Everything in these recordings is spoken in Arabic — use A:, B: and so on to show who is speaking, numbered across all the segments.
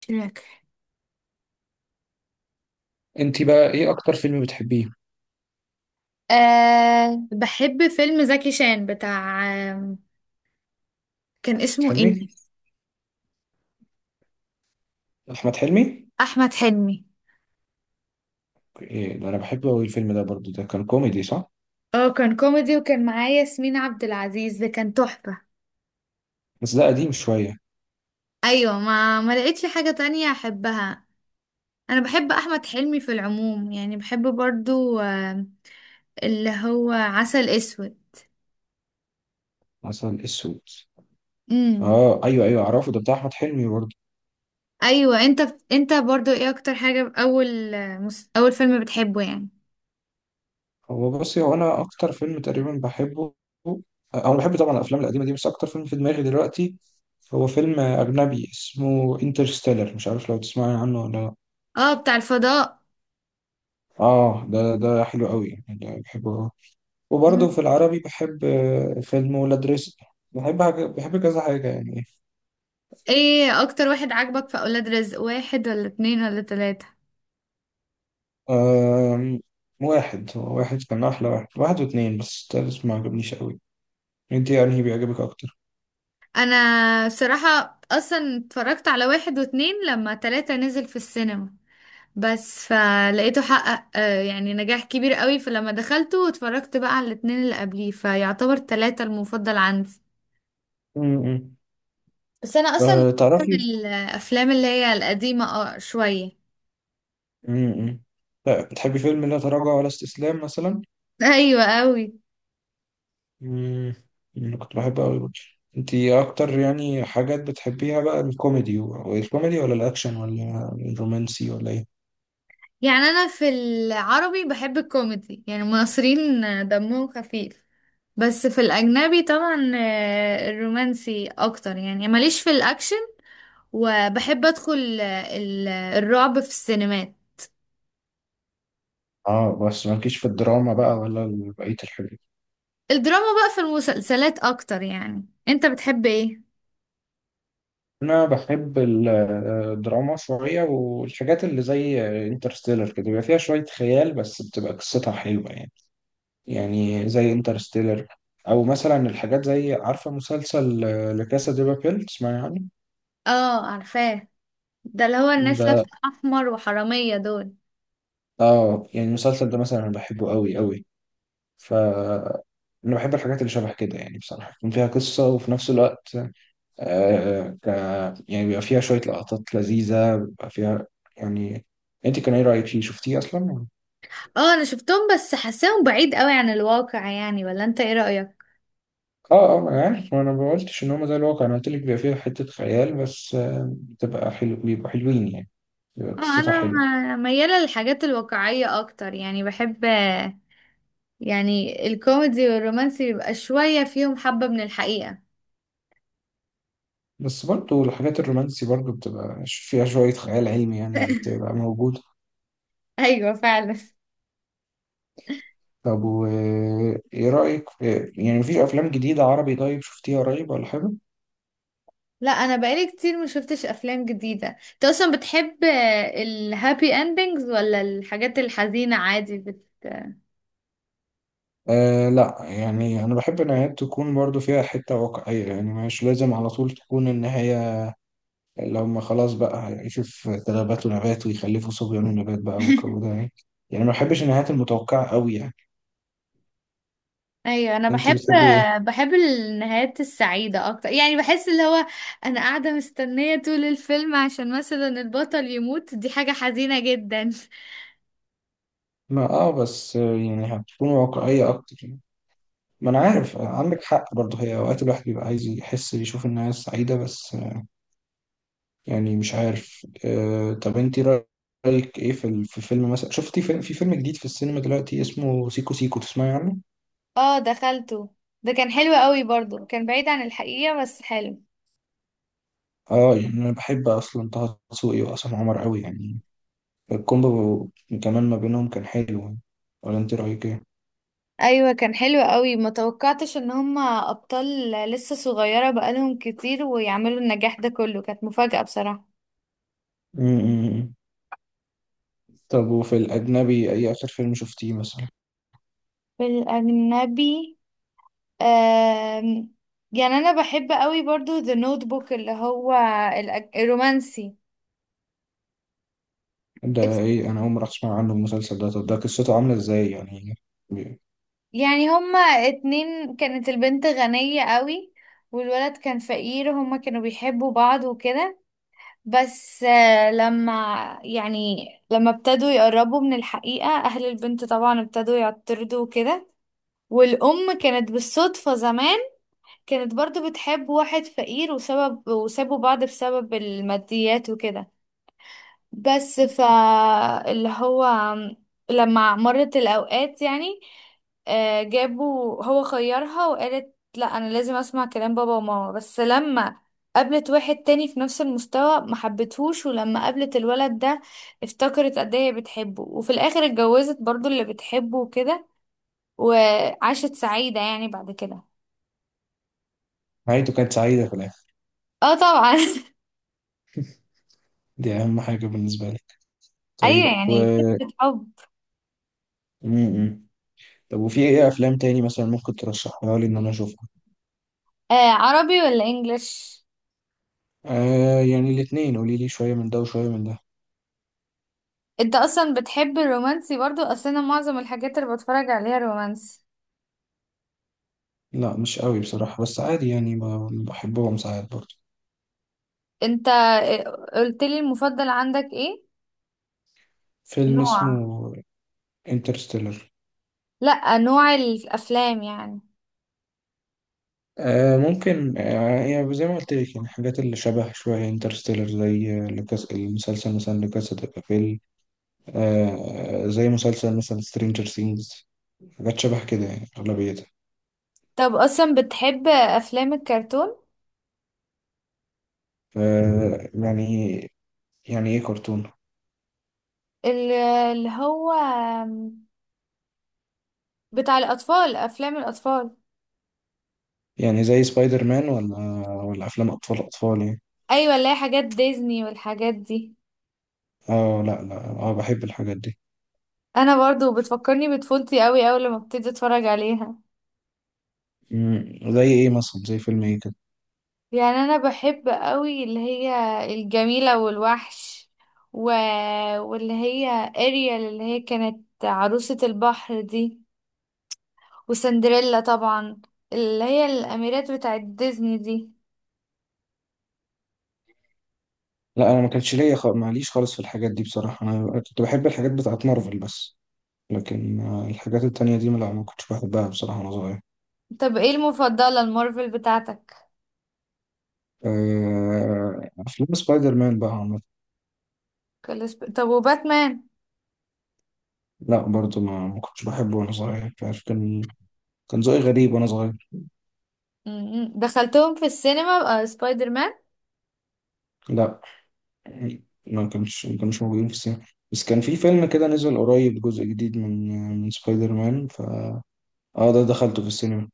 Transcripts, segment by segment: A: شراك.
B: انت بقى ايه اكتر فيلم بتحبيه؟
A: أه، بحب فيلم زكي شان بتاع. آم، كان اسمه ايه؟
B: حلمي. احمد حلمي.
A: احمد حلمي.
B: ايه ده، انا بحبه قوي الفيلم ده برضو، ده كان كوميدي صح؟
A: اه، كان كوميدي وكان معايا ياسمين عبد العزيز، ده كان تحفة.
B: بس ده قديم شويه.
A: ايوه، ما لقيتش حاجة تانية احبها. انا بحب احمد حلمي في العموم، يعني بحب برضو اللي هو عسل اسود.
B: مثلا اسود.
A: امم.
B: اه ايوه ايوه، اعرفه، ده بتاع احمد حلمي برضو.
A: ايوه، انت. انت برضو ايه اكتر حاجة، اول اول فيلم بتحبه يعني؟
B: هو بصي، انا اكتر فيلم تقريبا بحبه، آه، او بحب طبعا الافلام القديمه دي، بس اكتر فيلم في دماغي دلوقتي هو فيلم اجنبي اسمه انترستيلر، مش عارف لو تسمعي عنه ولا لا.
A: اه، بتاع الفضاء.
B: اه ده ده حلو قوي يعني بحبه. وبرضه في العربي بحب فيلم ولاد رزق. بحب حاجة، بحب كذا حاجة يعني.
A: ايه اكتر واحد عاجبك في اولاد رزق؟ واحد ولا اتنين ولا تلاتة؟
B: آم، واحد. واحد كان أحلى، واحد واحد واتنين، بس التالت ما عجبنيش أوي. انت يعني بيعجبك أكتر؟
A: انا بصراحة اصلا اتفرجت على واحد واتنين لما تلاتة نزل في السينما. بس فلقيته حقق يعني نجاح كبير قوي، فلما دخلته اتفرجت بقى على الاتنين اللي قبليه، فيعتبر تلاتة المفضل عندي.
B: م-م.
A: بس انا اصلا من
B: تعرفي،
A: الافلام اللي هي القديمة شوية.
B: م-م. لا، بتحبي فيلم لا تراجع ولا استسلام مثلا؟
A: ايوه، قوي.
B: م-م. أنا كنت بحبه أوي برضه. انت أكتر يعني حاجات بتحبيها بقى، الكوميدي والكوميدي ولا الأكشن ولا الرومانسي ولا إيه؟
A: يعني انا في العربي بحب الكوميدي، يعني المصريين دمهم خفيف. بس في الأجنبي طبعا الرومانسي أكتر، يعني ماليش في الأكشن. وبحب أدخل الرعب في السينمات.
B: اه، بس مالكيش في الدراما بقى ولا بقية الحاجات؟
A: الدراما بقى في المسلسلات أكتر. يعني أنت بتحب إيه؟
B: انا بحب الدراما شويه، والحاجات اللي زي انترستيلر كده بيبقى فيها شويه خيال بس بتبقى قصتها حلوه يعني. يعني زي انترستيلر، او مثلا الحاجات زي، عارفه مسلسل لكاسا دي بابيل؟ تسمعي عنه؟
A: آه، عارفاه. ده اللي هو الناس
B: ده،
A: لابسة أحمر، وحرامية دول.
B: اه يعني المسلسل ده مثلا انا بحبه قوي قوي. ف انا بحب الحاجات اللي شبه كده يعني بصراحه، يكون فيها قصه وفي نفس الوقت، آه ك... يعني بيبقى فيها شويه لقطات لذيذه بيبقى فيها يعني. انت كان ايه رايك فيه، شفتيه اصلا؟
A: آه، أنا شفتهم بس حاساهم بعيد قوي عن الواقع، يعني ولا أنت إيه رأيك؟
B: اه اه، ما انا عارف، ما قلتش ان هم زي الواقع، انا قلت لك بيبقى فيها حته خيال بس، بتبقى حلو، بيبقوا حلوين يعني، بيبقى
A: آه،
B: قصتها
A: أنا
B: حلوه.
A: ميالة للحاجات الواقعية أكتر، يعني بحب يعني الكوميدي والرومانسي بيبقى شوية فيهم حبة من الحقيقة.
B: بس برضو الحاجات الرومانسي برضو بتبقى فيها شويه خيال علمي يعني اللي بتبقى موجوده.
A: ايوه، فعلا.
B: طب و ايه رايك، يعني مفيش افلام جديده عربي طيب شفتيها قريب ولا حاجه؟
A: لا، انا بقالي كتير ما شفتش افلام جديده. انت اصلا بتحب الهابي اندنجز ولا الحاجات الحزينه عادي؟
B: آه لا، يعني انا بحب النهايات تكون برضو فيها حته واقعيه، يعني مش لازم على طول تكون النهايه اللي هم خلاص بقى هيعيشوا في تلابات ونبات ويخلفوا صبيان ونبات بقى والجو ده يعني. يعني ما بحبش النهايات المتوقعة قوي يعني.
A: ايوه، انا
B: انت
A: بحب
B: بتحبي ايه؟
A: بحب النهايات السعيده اكتر، يعني بحس اللي هو انا قاعده مستنيه طول الفيلم، عشان مثلا البطل يموت، دي حاجه حزينه جدا.
B: ما اه، بس يعني هتكون واقعية اكتر يعني. ما انا عارف، عندك حق برضه، هي اوقات الواحد بيبقى عايز يحس يشوف الناس سعيدة، بس يعني مش عارف. آه طب انت رأيك ايه في في فيلم مثلا، شفتي فيلم، في فيلم جديد في السينما دلوقتي اسمه سيكو سيكو؟ تسمعي عنه؟
A: اه، دخلته. ده كان حلو قوي، برضو كان بعيد عن الحقيقه بس حلو.
B: اه يعني انا بحب اصلا طه دسوقي وعصام عمر قوي يعني، الكومبو كمان ما بينهم كان حلو يعني. ولا انت رأيك ايه؟
A: ايوه، كان حلو قوي. ما توقعتش ان هما ابطال لسه صغيره بقالهم كتير ويعملوا النجاح ده كله، كانت مفاجاه بصراحه.
B: امم. طب وفي الأجنبي أي آخر فيلم شفتيه مثلا؟
A: في الاجنبي آم، يعني انا بحب قوي برضو ذا نوت بوك، اللي هو الرومانسي.
B: ده
A: اس-
B: إيه، أنا أول مرة أسمع عنه المسلسل ده، طب ده قصته عاملة إزاي يعني؟ بي-
A: يعني هما اتنين، كانت البنت غنيه قوي، والولد كان فقير، هما كانوا بيحبوا بعض وكده. بس لما يعني لما ابتدوا يقربوا من الحقيقة، أهل البنت طبعا ابتدوا يعترضوا وكده. والأم كانت بالصدفة زمان كانت برضو بتحب واحد فقير، وسبب وسابوا بعض بسبب الماديات وكده. بس اللي هو لما مرت الأوقات، يعني جابوا هو خيرها، وقالت لا، أنا لازم أسمع كلام بابا وماما. بس لما قابلت واحد تاني في نفس المستوى ما حبتهوش، ولما قابلت الولد ده افتكرت قد ايه هي بتحبه، وفي الآخر اتجوزت برضو اللي بتحبه وكده. وعاشت سعيدة يعني بعد كده.
B: نهايته كانت سعيدة في الآخر؟
A: اه، طبعا.
B: دي أهم حاجة بالنسبة لي.
A: ايوه،
B: طيب و...
A: يعني قصة حب.
B: امم. طب وفي إيه أفلام تاني مثلا ممكن ترشحها لي إن أنا أشوفها؟
A: آه، عربي ولا انجليش؟
B: آه يعني الاتنين، قولي لي شوية من ده وشوية من ده.
A: انت اصلا بتحب الرومانسي برضو؟ اصل انا معظم الحاجات اللي بتفرج عليها رومانسي.
B: لا مش قوي بصراحة، بس عادي يعني، بحبهم ساعات برضه.
A: انت قلت لي المفضل عندك ايه
B: فيلم
A: نوع؟
B: اسمه انترستيلر.
A: لا، نوع الافلام يعني.
B: آه ممكن، آه يعني زي ما قلت لك، يعني الحاجات اللي شبه شوية انترستيلر، زي لكاس المسلسل مثلا لكاسا دي بابيل، آه زي مسلسل مثلا سترينجر سينجز، حاجات شبه كده يعني أغلبيتها.
A: طب اصلا بتحب افلام الكرتون؟
B: ف- يعني، يعني إيه كرتون؟
A: ال- اللي هو بتاع الاطفال، افلام الاطفال.
B: يعني زي سبايدر مان، ولا ولا أفلام أطفال أطفال يعني؟
A: ايوه، اللي هي حاجات ديزني والحاجات دي.
B: اه لا لا، اه بحب الحاجات دي.
A: انا برضو بتفكرني بطفولتي قوي اول لما ابتدي اتفرج عليها.
B: مم، زي ايه مثلا، زي فيلم ايه كده؟
A: يعني انا بحب قوي اللي هي الجميلة والوحش، و... واللي هي اريال اللي هي كانت عروسة البحر دي، وسندريلا طبعا، اللي هي الاميرات بتاعت ديزني دي.
B: لا انا ما كانش ليا معليش، خالص في الحاجات دي بصراحه، انا كنت بحب الحاجات بتاعت مارفل بس، لكن الحاجات التانية دي لا ما كنتش بحبها بصراحة وأنا صغير.
A: طب ايه المفضلة المارفل بتاعتك؟
B: أفلام سبايدر مان بقى عامة.
A: طب، وباتمان؟
B: لا برضو ما كنتش بحبه وأنا صغير، مش عارف، كان كان ذوقي غريب وأنا صغير.
A: م- م. دخلتهم في السينما سبايدر مان؟
B: لا، ما كانش موجودين في السينما، بس كان في فيلم كده نزل قريب، جزء جديد من من سبايدر مان، ف اه ده دخلته في السينما.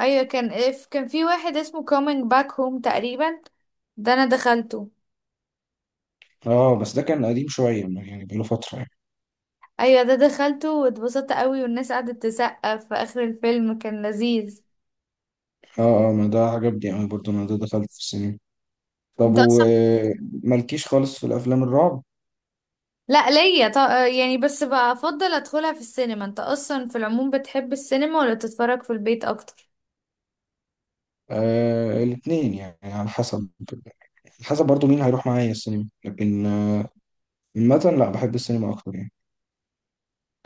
A: ايوه، كان في واحد اسمه كومينج باك هوم تقريبا، ده انا دخلته.
B: اه بس ده كان قديم شوية يعني، بقاله فترة يعني.
A: ايوه، ده دخلته واتبسطت قوي، والناس قعدت تسقف في اخر الفيلم، كان لذيذ.
B: اه اه ما ده عجبني أوي برضو، أنا ده دخلته في السينما. طب
A: انت اصلا،
B: ومالكيش خالص في الأفلام الرعب؟
A: لا، ليا يعني بس بفضل ادخلها في السينما. انت اصلا في العموم بتحب السينما ولا تتفرج في البيت اكتر؟
B: آه الاثنين يعني على حسب، حسب برضو مين هيروح معايا السينما، لكن عامة لا، بحب السينما أكتر يعني.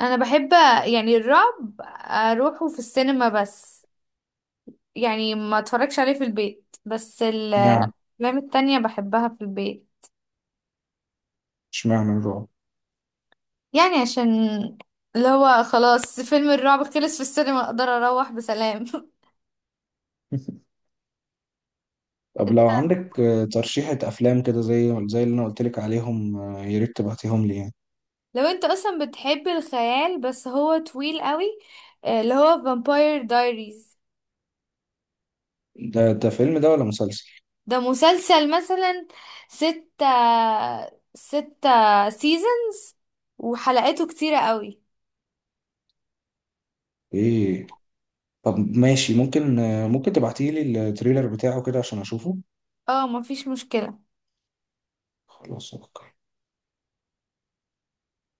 A: انا بحب، يعني الرعب اروحه في السينما بس، يعني ما اتفرجش عليه في البيت، بس
B: اشمعنى،
A: الافلام التانية بحبها في البيت.
B: اشمعنى الرعب؟
A: يعني عشان اللي هو خلاص فيلم الرعب خلص في السينما اقدر اروح بسلام.
B: طب لو عندك ترشيحة أفلام كده زي زي اللي أنا قلت لك عليهم، يا ريت تبعتيهم لي يعني.
A: لو انت اصلا بتحب الخيال، بس هو طويل قوي، اللي هو فامباير دايريز.
B: ده ده فيلم ده ولا مسلسل؟
A: ده مسلسل مثلا. ستة ستة سيزونز، وحلقاته كتيرة قوي.
B: إيه؟ طب ماشي، ممكن ممكن تبعتيلي التريلر بتاعه كده عشان أشوفه.
A: اه، مفيش مشكلة.
B: خلاص أوكي.